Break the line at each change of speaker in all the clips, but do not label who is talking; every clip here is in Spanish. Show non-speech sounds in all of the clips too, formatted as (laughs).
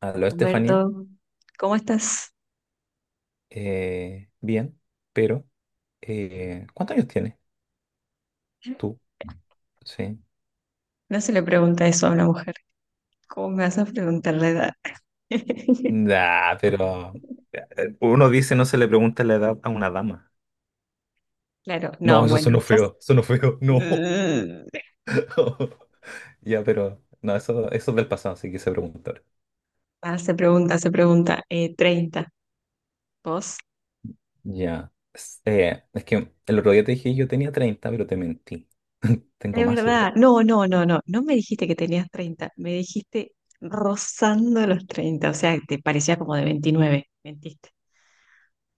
Aló, Estefanía.
Humberto, ¿cómo estás?
Bien, pero ¿cuántos años tienes tú? Sí.
No se le pregunta eso a una mujer. ¿Cómo me vas a preguntar la edad? (laughs)
Nah, pero uno dice no se le pregunta la edad a una dama.
Claro,
No,
no,
eso
bueno, ya. s-
sonó feo, no. (laughs) Ya, pero no, eso es del pasado, así que se pregunta.
Ah, se pregunta, se pregunta. 30. ¿Vos?
Ya. Es que el otro día te dije yo tenía 30 pero te mentí. (laughs) Tengo
Es
más edad.
verdad. No, no, no, no. No me dijiste que tenías 30. Me dijiste rozando los 30. O sea, te parecía como de veintinueve. Mentiste.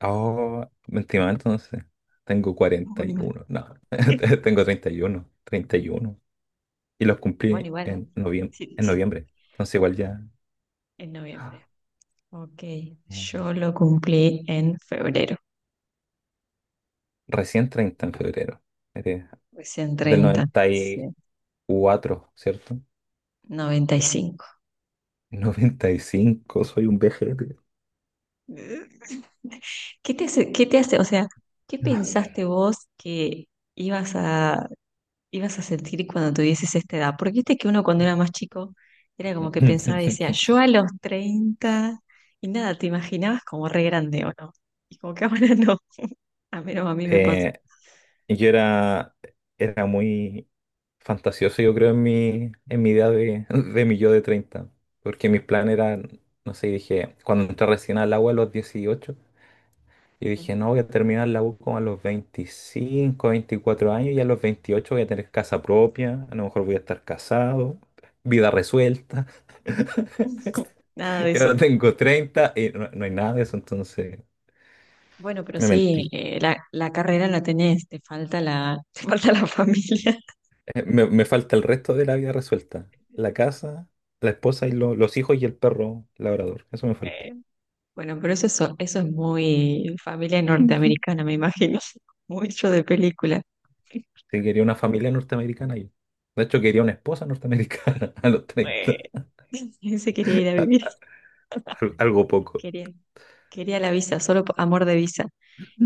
Oh, mentí mal, entonces. Tengo cuarenta
Muy
y
mal.
uno No,
(laughs)
(laughs) tengo treinta y uno y los
Bueno,
cumplí
igual.
en
Sí, sí,
noviembre. Entonces igual ya.
en noviembre.
Ah,
Ok, yo lo cumplí en febrero.
recién 30 en febrero. Eres
Recién
del
30,
noventa y
sí,
cuatro ¿cierto?
95.
(laughs) 95, soy un vejete.
(laughs) ¿Qué te hace, o sea, qué pensaste vos que ibas a, ibas a sentir cuando tuvieses esta edad? Porque viste que uno cuando era más chico era como que pensaba y decía,
(laughs)
yo a los 30 y nada, te imaginabas como re grande o no. Y como que (laughs) ahora no, a menos a mí me pasa.
Eh, yo era muy fantasioso, yo creo, en mi idea de mi yo de 30. Porque mis planes eran, no sé, dije, cuando entré recién al agua a los 18 y dije, no, voy a terminar la U como a los 25 24 años y a los 28 voy a tener casa propia, a lo mejor voy a estar casado, vida resuelta.
(laughs) Nada de
(laughs) Y ahora
eso.
tengo 30 y no, no hay nada de eso, entonces
Bueno, pero
me
sí,
mentí.
la, la carrera la tenés, te falta la, (laughs) te falta la familia.
Me falta el resto de la vida resuelta, la casa, la esposa y los hijos y el perro labrador, eso me falta.
(laughs) Bueno, pero eso es muy familia
(laughs)
norteamericana, me imagino. (laughs) Mucho de película.
Sí, quería una familia norteamericana yo. De hecho, quería una esposa norteamericana (laughs) a los
Bueno,
30
(laughs) se quería ir a vivir. (laughs)
algo poco.
Quería, quería la visa, solo por amor de visa.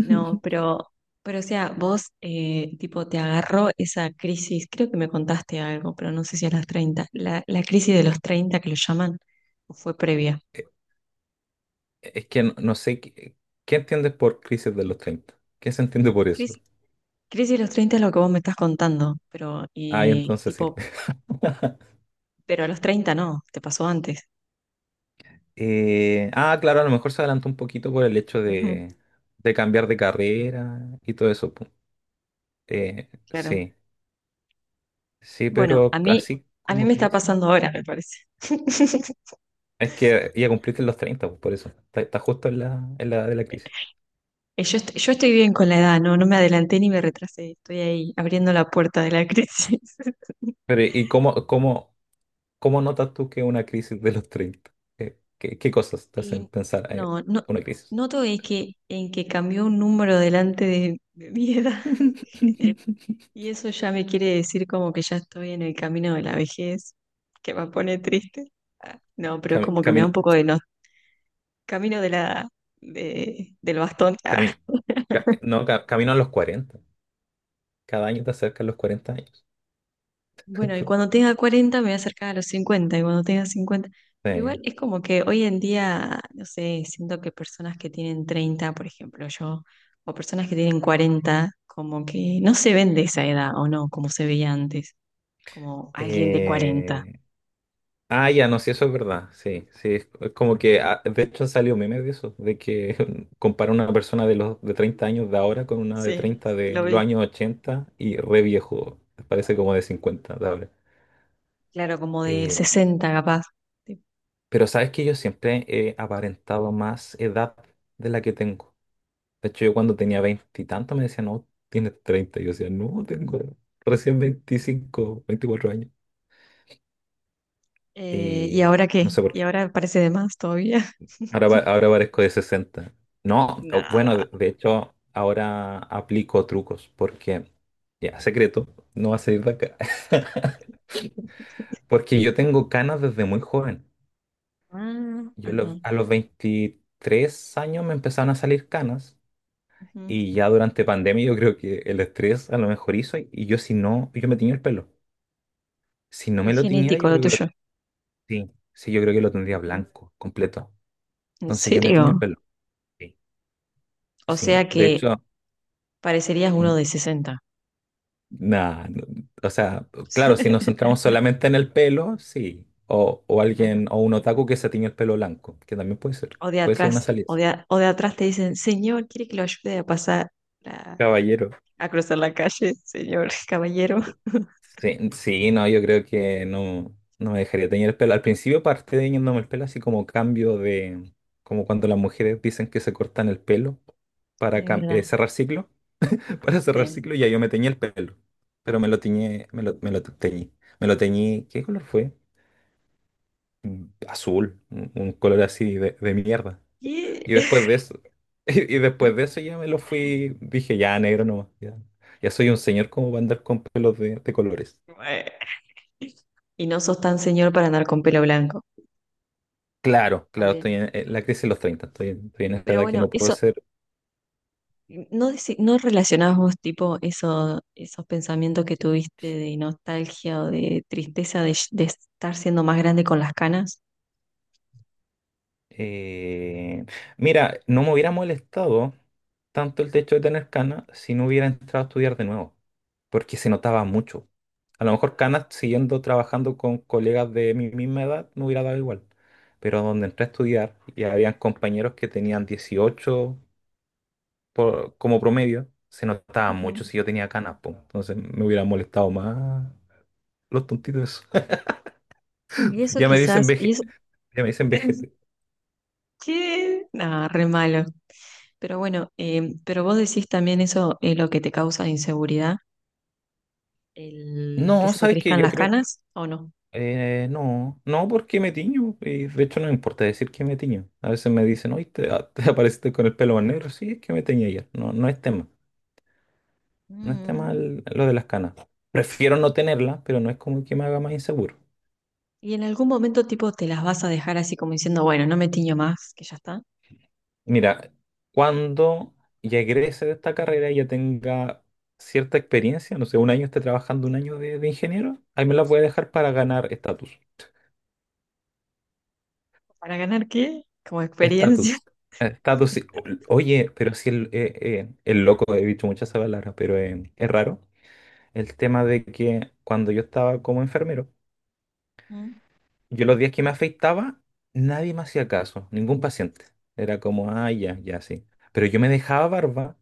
No, pero o sea, vos, tipo, te agarró esa crisis, creo que me contaste algo, pero no sé si a las 30 la, la crisis de los 30 que lo llaman, o fue previa.
Es que no, no sé qué, entiendes por crisis de los 30. ¿Qué se entiende por eso?
Crisis, crisis de los 30 es lo que vos me estás contando, pero,
Ay,
y,
entonces sí.
tipo,
(laughs)
pero a los 30 no, te pasó antes.
Ah, claro, a lo mejor se adelantó un poquito por el hecho de cambiar de carrera y todo eso. Pu.
Claro.
Sí, sí,
Bueno,
pero así
a mí
como
me está
crisis, ¿no?
pasando ahora, me parece. (laughs)
Es que ya cumpliste los 30, pues, por eso. Está justo en la, de la crisis.
Yo estoy bien con la edad, no, no me adelanté ni me retrasé, estoy ahí abriendo la puerta de la (laughs) crisis.
Pero, ¿y cómo notas tú que es una crisis de los 30? ¿Qué cosas te hacen
Y
pensar en
no, no,
una crisis?
noto es que en que cambió un número delante de mi edad. (laughs)
(laughs)
Y eso ya me quiere decir como que ya estoy en el camino de la vejez, que me pone triste. Ah, no, pero es como que me da un
Camino,
poco de no, camino de la, de, del bastón.
camino, no, camino a los 40. Cada año te acercas a los 40 años.
Bueno, y cuando
(laughs)
tenga 40 me voy a acercar a los 50, y cuando tenga 50, pero igual
Sí.
es como que hoy en día, no sé, siento que personas que tienen 30, por ejemplo, yo, o personas que tienen 40, como que no se ven de esa edad, o no, como se veía antes, como alguien de 40.
Eh, ah, ya, no, sí, eso es verdad. Sí, sí. Es como que, ah, de hecho, salió meme de eso, de que (laughs) compara una persona de 30 años de ahora con una de
Sí,
30 de
lo
los
vi.
años 80 y re viejo. Parece como de 50 de ahora.
Claro, como de
Eh,
60 capaz. Sí.
pero sabes que yo siempre he aparentado más edad de la que tengo. De hecho, yo cuando tenía 20 y tanto me decían, no, tienes 30. Y yo decía, no, tengo recién 25, 24 años.
¿Y
Y
ahora qué?
no sé por
¿Y
qué.
ahora parece de más todavía?
Ahora,
(laughs)
ahora parezco de 60. No,
No.
bueno, de hecho, ahora aplico trucos porque, ya, secreto, no va a salir de acá. (laughs) Porque yo tengo canas desde muy joven.
Ah,
Yo,
ajá.
a los 23 años me empezaron a salir canas,
Ujú.
y ya durante pandemia yo creo que el estrés a lo mejor hizo y yo, si no, yo me tenía el pelo. Si no me
Es
lo tiñera,
genético
yo
lo
creo que lo.
tuyo.
Sí, sí, yo creo que lo tendría
Ujú.
blanco, completo.
¿En
Entonces yo me tiño el
serio?
pelo. Sí,
O
sí.
sea
De
que
hecho,
parecerías
mm,
uno de sesenta.
nah, no, o sea, claro, si nos
(laughs)
centramos solamente en el pelo, sí. O
Ajá.
alguien, o un otaku que se tiñe el pelo blanco, que también puede ser.
O de
Puede ser
atrás,
una salida.
o de atrás te dicen, señor, ¿quiere que lo ayude a pasar, a,
Caballero.
a cruzar la calle, señor, (laughs) caballero?
Sí, sí, no, yo creo que no, no me dejaría teñir el pelo. Al principio parte teñiéndome el pelo así como cambio de, como cuando las mujeres dicen que se cortan el pelo
Ay,
para
de verdad.
cerrar ciclo. Para cerrar
Sí.
ciclo, ya yo me teñí el pelo, pero me lo teñí, ¿qué color fue? Azul, un color así de, mierda.
Y
Y después de eso, (laughs) y, después de eso ya me lo fui, dije, ya negro nomás, ya, ya soy un señor, como va a andar con pelos de, colores.
(laughs) bueno, y no sos tan señor para andar con pelo blanco
Claro, claro, estoy
también.
en, la crisis de los 30, estoy en esta
Pero
edad que
bueno,
no puedo
eso,
ser.
¿no, deci- no relacionás vos tipo eso, esos pensamientos que tuviste de nostalgia o de tristeza de estar siendo más grande con las canas?
Eh, Mira, no me hubiera molestado tanto el hecho de tener canas si no hubiera entrado a estudiar de nuevo, porque se notaba mucho. A lo mejor canas siguiendo trabajando con colegas de mi misma edad me hubiera dado igual, pero donde entré a estudiar y habían compañeros que tenían 18 como promedio, se notaba
Ujú.
mucho si yo tenía canas, po. Entonces me hubiera molestado más los tontitos. (laughs)
Y eso
Ya me dicen
quizás, y
veje,
eso,
ya me dicen
(clears throat)
vejete.
(laughs) ¿Qué? No, re malo. Pero bueno, pero vos decís también eso es lo que te causa inseguridad, el que
No,
se te
sabes que
crezcan
yo
las
creo.
canas, ¿o no?
No, no porque me tiño, y de hecho no me importa decir que me tiño. A veces me dicen, oye, (laughs) te apareciste con el pelo más negro, sí, es que me teñí ayer. No, no es tema, no es tema
Mm.
lo de las canas. Prefiero no tenerlas, pero no es como que me haga más inseguro.
Y en algún momento tipo te las vas a dejar así como diciendo, bueno, no me tiño más, que ya está.
Mira, cuando ya egrese de esta carrera y ya tenga cierta experiencia, no sé, un año esté trabajando un año de, ingeniero, ahí me las voy a dejar para ganar estatus.
¿Para ganar qué? Como experiencia.
Estatus.
(laughs)
Estatus, sí. Oye, pero si el loco, he dicho muchas palabras, pero es raro. El tema de que cuando yo estaba como enfermero,
Mm.
yo los días que me afeitaba, nadie me hacía caso, ningún paciente. Era como, ah, ya, ya, sí. Pero yo me dejaba barba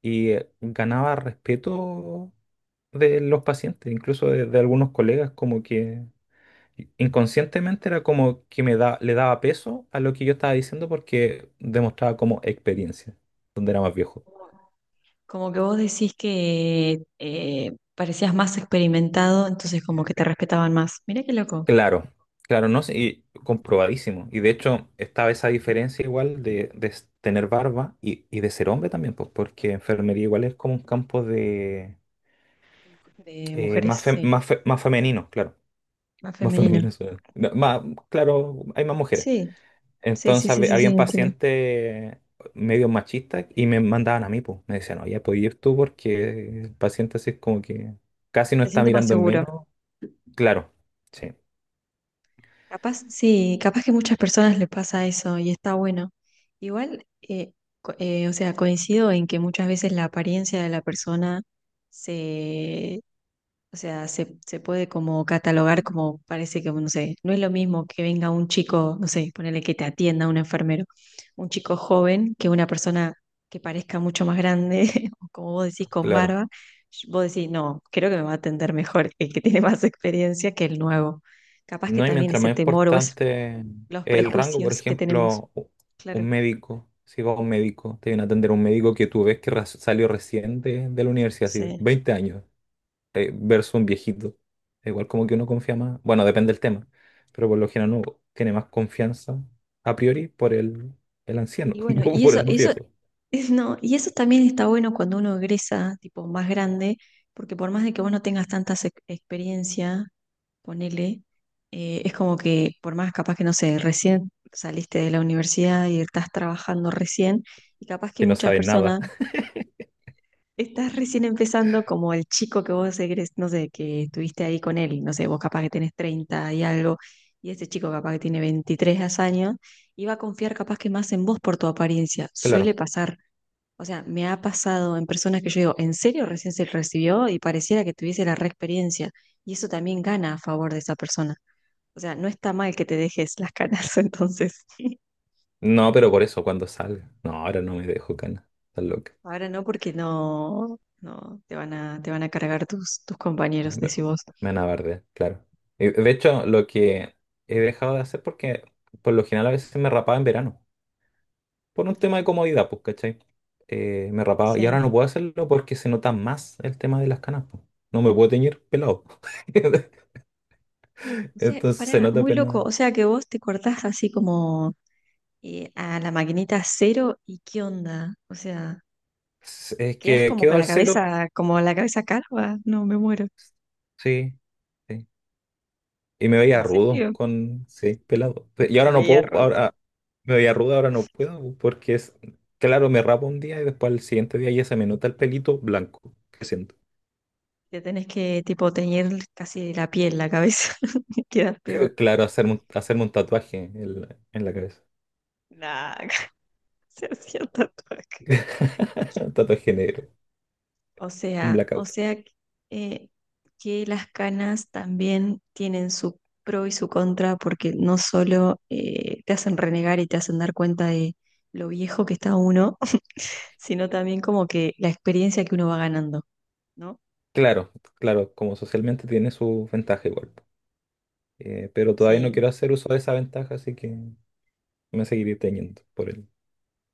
y ganaba respeto de los pacientes, incluso de, algunos colegas, como que inconscientemente era como que me da, le daba peso a lo que yo estaba diciendo porque demostraba como experiencia, donde era más viejo.
Como que vos decís que parecías más experimentado, entonces como que te respetaban más. Mirá qué loco.
Claro, claro, no sé, y comprobadísimo. Y de hecho estaba esa diferencia igual de, tener barba y de ser hombre también, pues porque enfermería igual es como un campo de
De mujeres,
más,
sí.
más femenino, claro.
Más
Más
femenino.
femenino, (laughs) suena. No, más, claro, hay más mujeres.
Sí, sí, sí,
Entonces
sí, sí, sí,
habían
entiendo.
pacientes medio machistas y me mandaban a mí, pues. Me decían, oye, puedes ir tú porque el paciente así es como que casi no
Se
está
siente más
mirando en
seguro.
menos. Claro, sí,
Capaz, sí, capaz que muchas personas les pasa eso y está bueno. Igual, o sea, coincido en que muchas veces la apariencia de la persona se, o sea, se puede como catalogar como parece que, bueno, no sé, no es lo mismo que venga un chico, no sé, ponele que te atienda un enfermero, un chico joven que una persona que parezca mucho más grande, (laughs) o como vos decís, con
claro.
barba. Vos decís, no, creo que me va a atender mejor el que tiene más experiencia que el nuevo. Capaz que
No, y
también
mientras
ese
más
temor o es
importante
los
el rango, por
prejuicios que tenemos.
ejemplo, un
Claro,
médico, si vas a un médico, te viene a atender un médico que tú ves que salió recién de, la universidad, así,
sí.
20 años. Versus un viejito. Igual como que uno confía más, bueno, depende del tema, pero por lo general uno tiene más confianza a priori por el anciano,
Y bueno,
(laughs) o
y
por
eso,
el más
eso
viejo,
Es- No, y eso también está bueno cuando uno egresa, tipo más grande, porque por más de que vos no tengas tanta experiencia, ponele, es como que por más capaz que no sé, recién saliste de la universidad y estás trabajando recién, y capaz que
que no
muchas
sabe nada.
personas
(laughs)
estás recién empezando como el chico que vos egres, no sé, que estuviste ahí con él, y no sé, vos capaz que tenés 30 y algo, y ese chico capaz que tiene 23 años, y va a confiar capaz que más en vos por tu apariencia, suele
Claro.
pasar. O sea, me ha pasado en personas que yo digo, ¿en serio recién se recibió? Y pareciera que tuviese la reexperiencia? Y eso también gana a favor de esa persona. O sea, no está mal que te dejes las canas, (laughs) entonces.
No, pero por eso cuando salga. No, ahora no me dejo, cana. Estás loca.
Ahora no, porque no, no te van a, te van a cargar tus, tus compañeros,
Me,
decís vos.
me van a bardear, claro. Y, de hecho, lo que he dejado de hacer porque por lo general a veces me rapaba en verano, por un tema de
Ujú,
comodidad, pues, ¿cachai? Me rapaba. Y ahora
sí.
no puedo hacerlo porque se nota más el tema de las canas, pues. No me puedo teñir pelado. (laughs)
O sea,
Entonces se
pará,
nota
muy
apenas.
loco. O sea que vos te cortás así como a la maquinita cero y qué onda. O sea,
Es
quedás
que
como
quedo
con
al
la
cero,
cabeza, como la cabeza calva. No, me muero.
sí, sí. Y me veía
¿En
rudo
serio?
con, sí, pelado. Y
Me
ahora no
veía
puedo,
robo.
ahora me veía rudo, ahora no puedo, porque es, claro, me rapo un día y después al siguiente día ya se me nota el pelito blanco que siento.
Te tenés que, tipo, teñir casi la piel, la cabeza. (laughs) Quedas peor.
Claro, hacerme, hacerme un tatuaje en la, cabeza.
Nah, (laughs) se hacía tatuaje.
(laughs) Un tatuaje negro.
O
Un
sea, o
blackout.
sea, eh, que las canas también tienen su pro y su contra, porque no solo te hacen renegar y te hacen dar cuenta de lo viejo que está uno, (laughs) sino también como que la experiencia que uno va ganando, ¿no?
Claro, claro, como socialmente tiene su ventaja igual. Pero todavía no
Sí,
quiero hacer uso de esa ventaja, así que me seguiré teñiendo por el,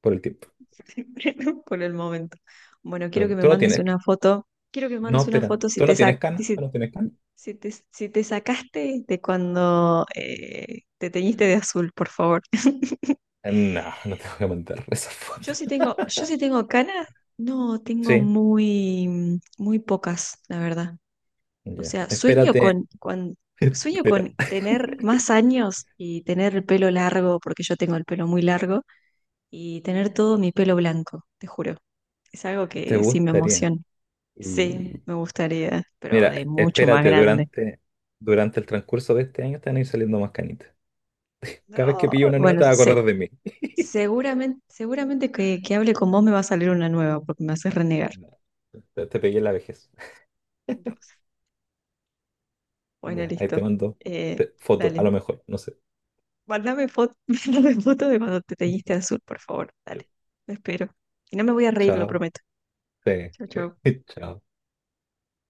por el tiempo.
(laughs) ¿no? Por el momento. Bueno, quiero
Pero
que me
tú no
mandes
tienes.
una foto. Quiero que me
No,
mandes una
espera.
foto
¿Tú no tienes canas? ¿Tú no tienes canas?
si te, si te sacaste de cuando te teñiste de azul, por favor. (laughs)
No, (laughs) no te voy a mandar (laughs) esa foto.
Yo sí tengo canas. No, tengo
Sí,
muy, mm, muy pocas, la verdad. O
ya.
sea,
Espérate,
sueño
espera.
con tener más años y tener el pelo largo, porque yo tengo el pelo muy largo, y tener todo mi pelo blanco, te juro. Es algo
¿Te
que sí me
gustaría?
emociona.
Mm.
Sí, me gustaría, pero
Mira,
de mucho más
espérate,
grande.
durante el transcurso de este año te van a ir saliendo más canitas. Cada vez que
No,
pillo una nueva
bueno,
te vas a
se-
acordar de mí. (laughs)
seguramente, seguramente que hable con vos me va a salir una nueva porque me haces renegar.
No, te pegué en la vejez.
No. Bueno,
Ya, ahí te
listo.
mando foto, a
Dale,
lo mejor, no sé.
mándame foto, (laughs) mándame foto de cuando te teñiste azul, por favor. Dale, lo espero. Y no me voy a reír, lo
Chao.
prometo.
Sí,
Chau,
sí.
chau.
(laughs) Chao.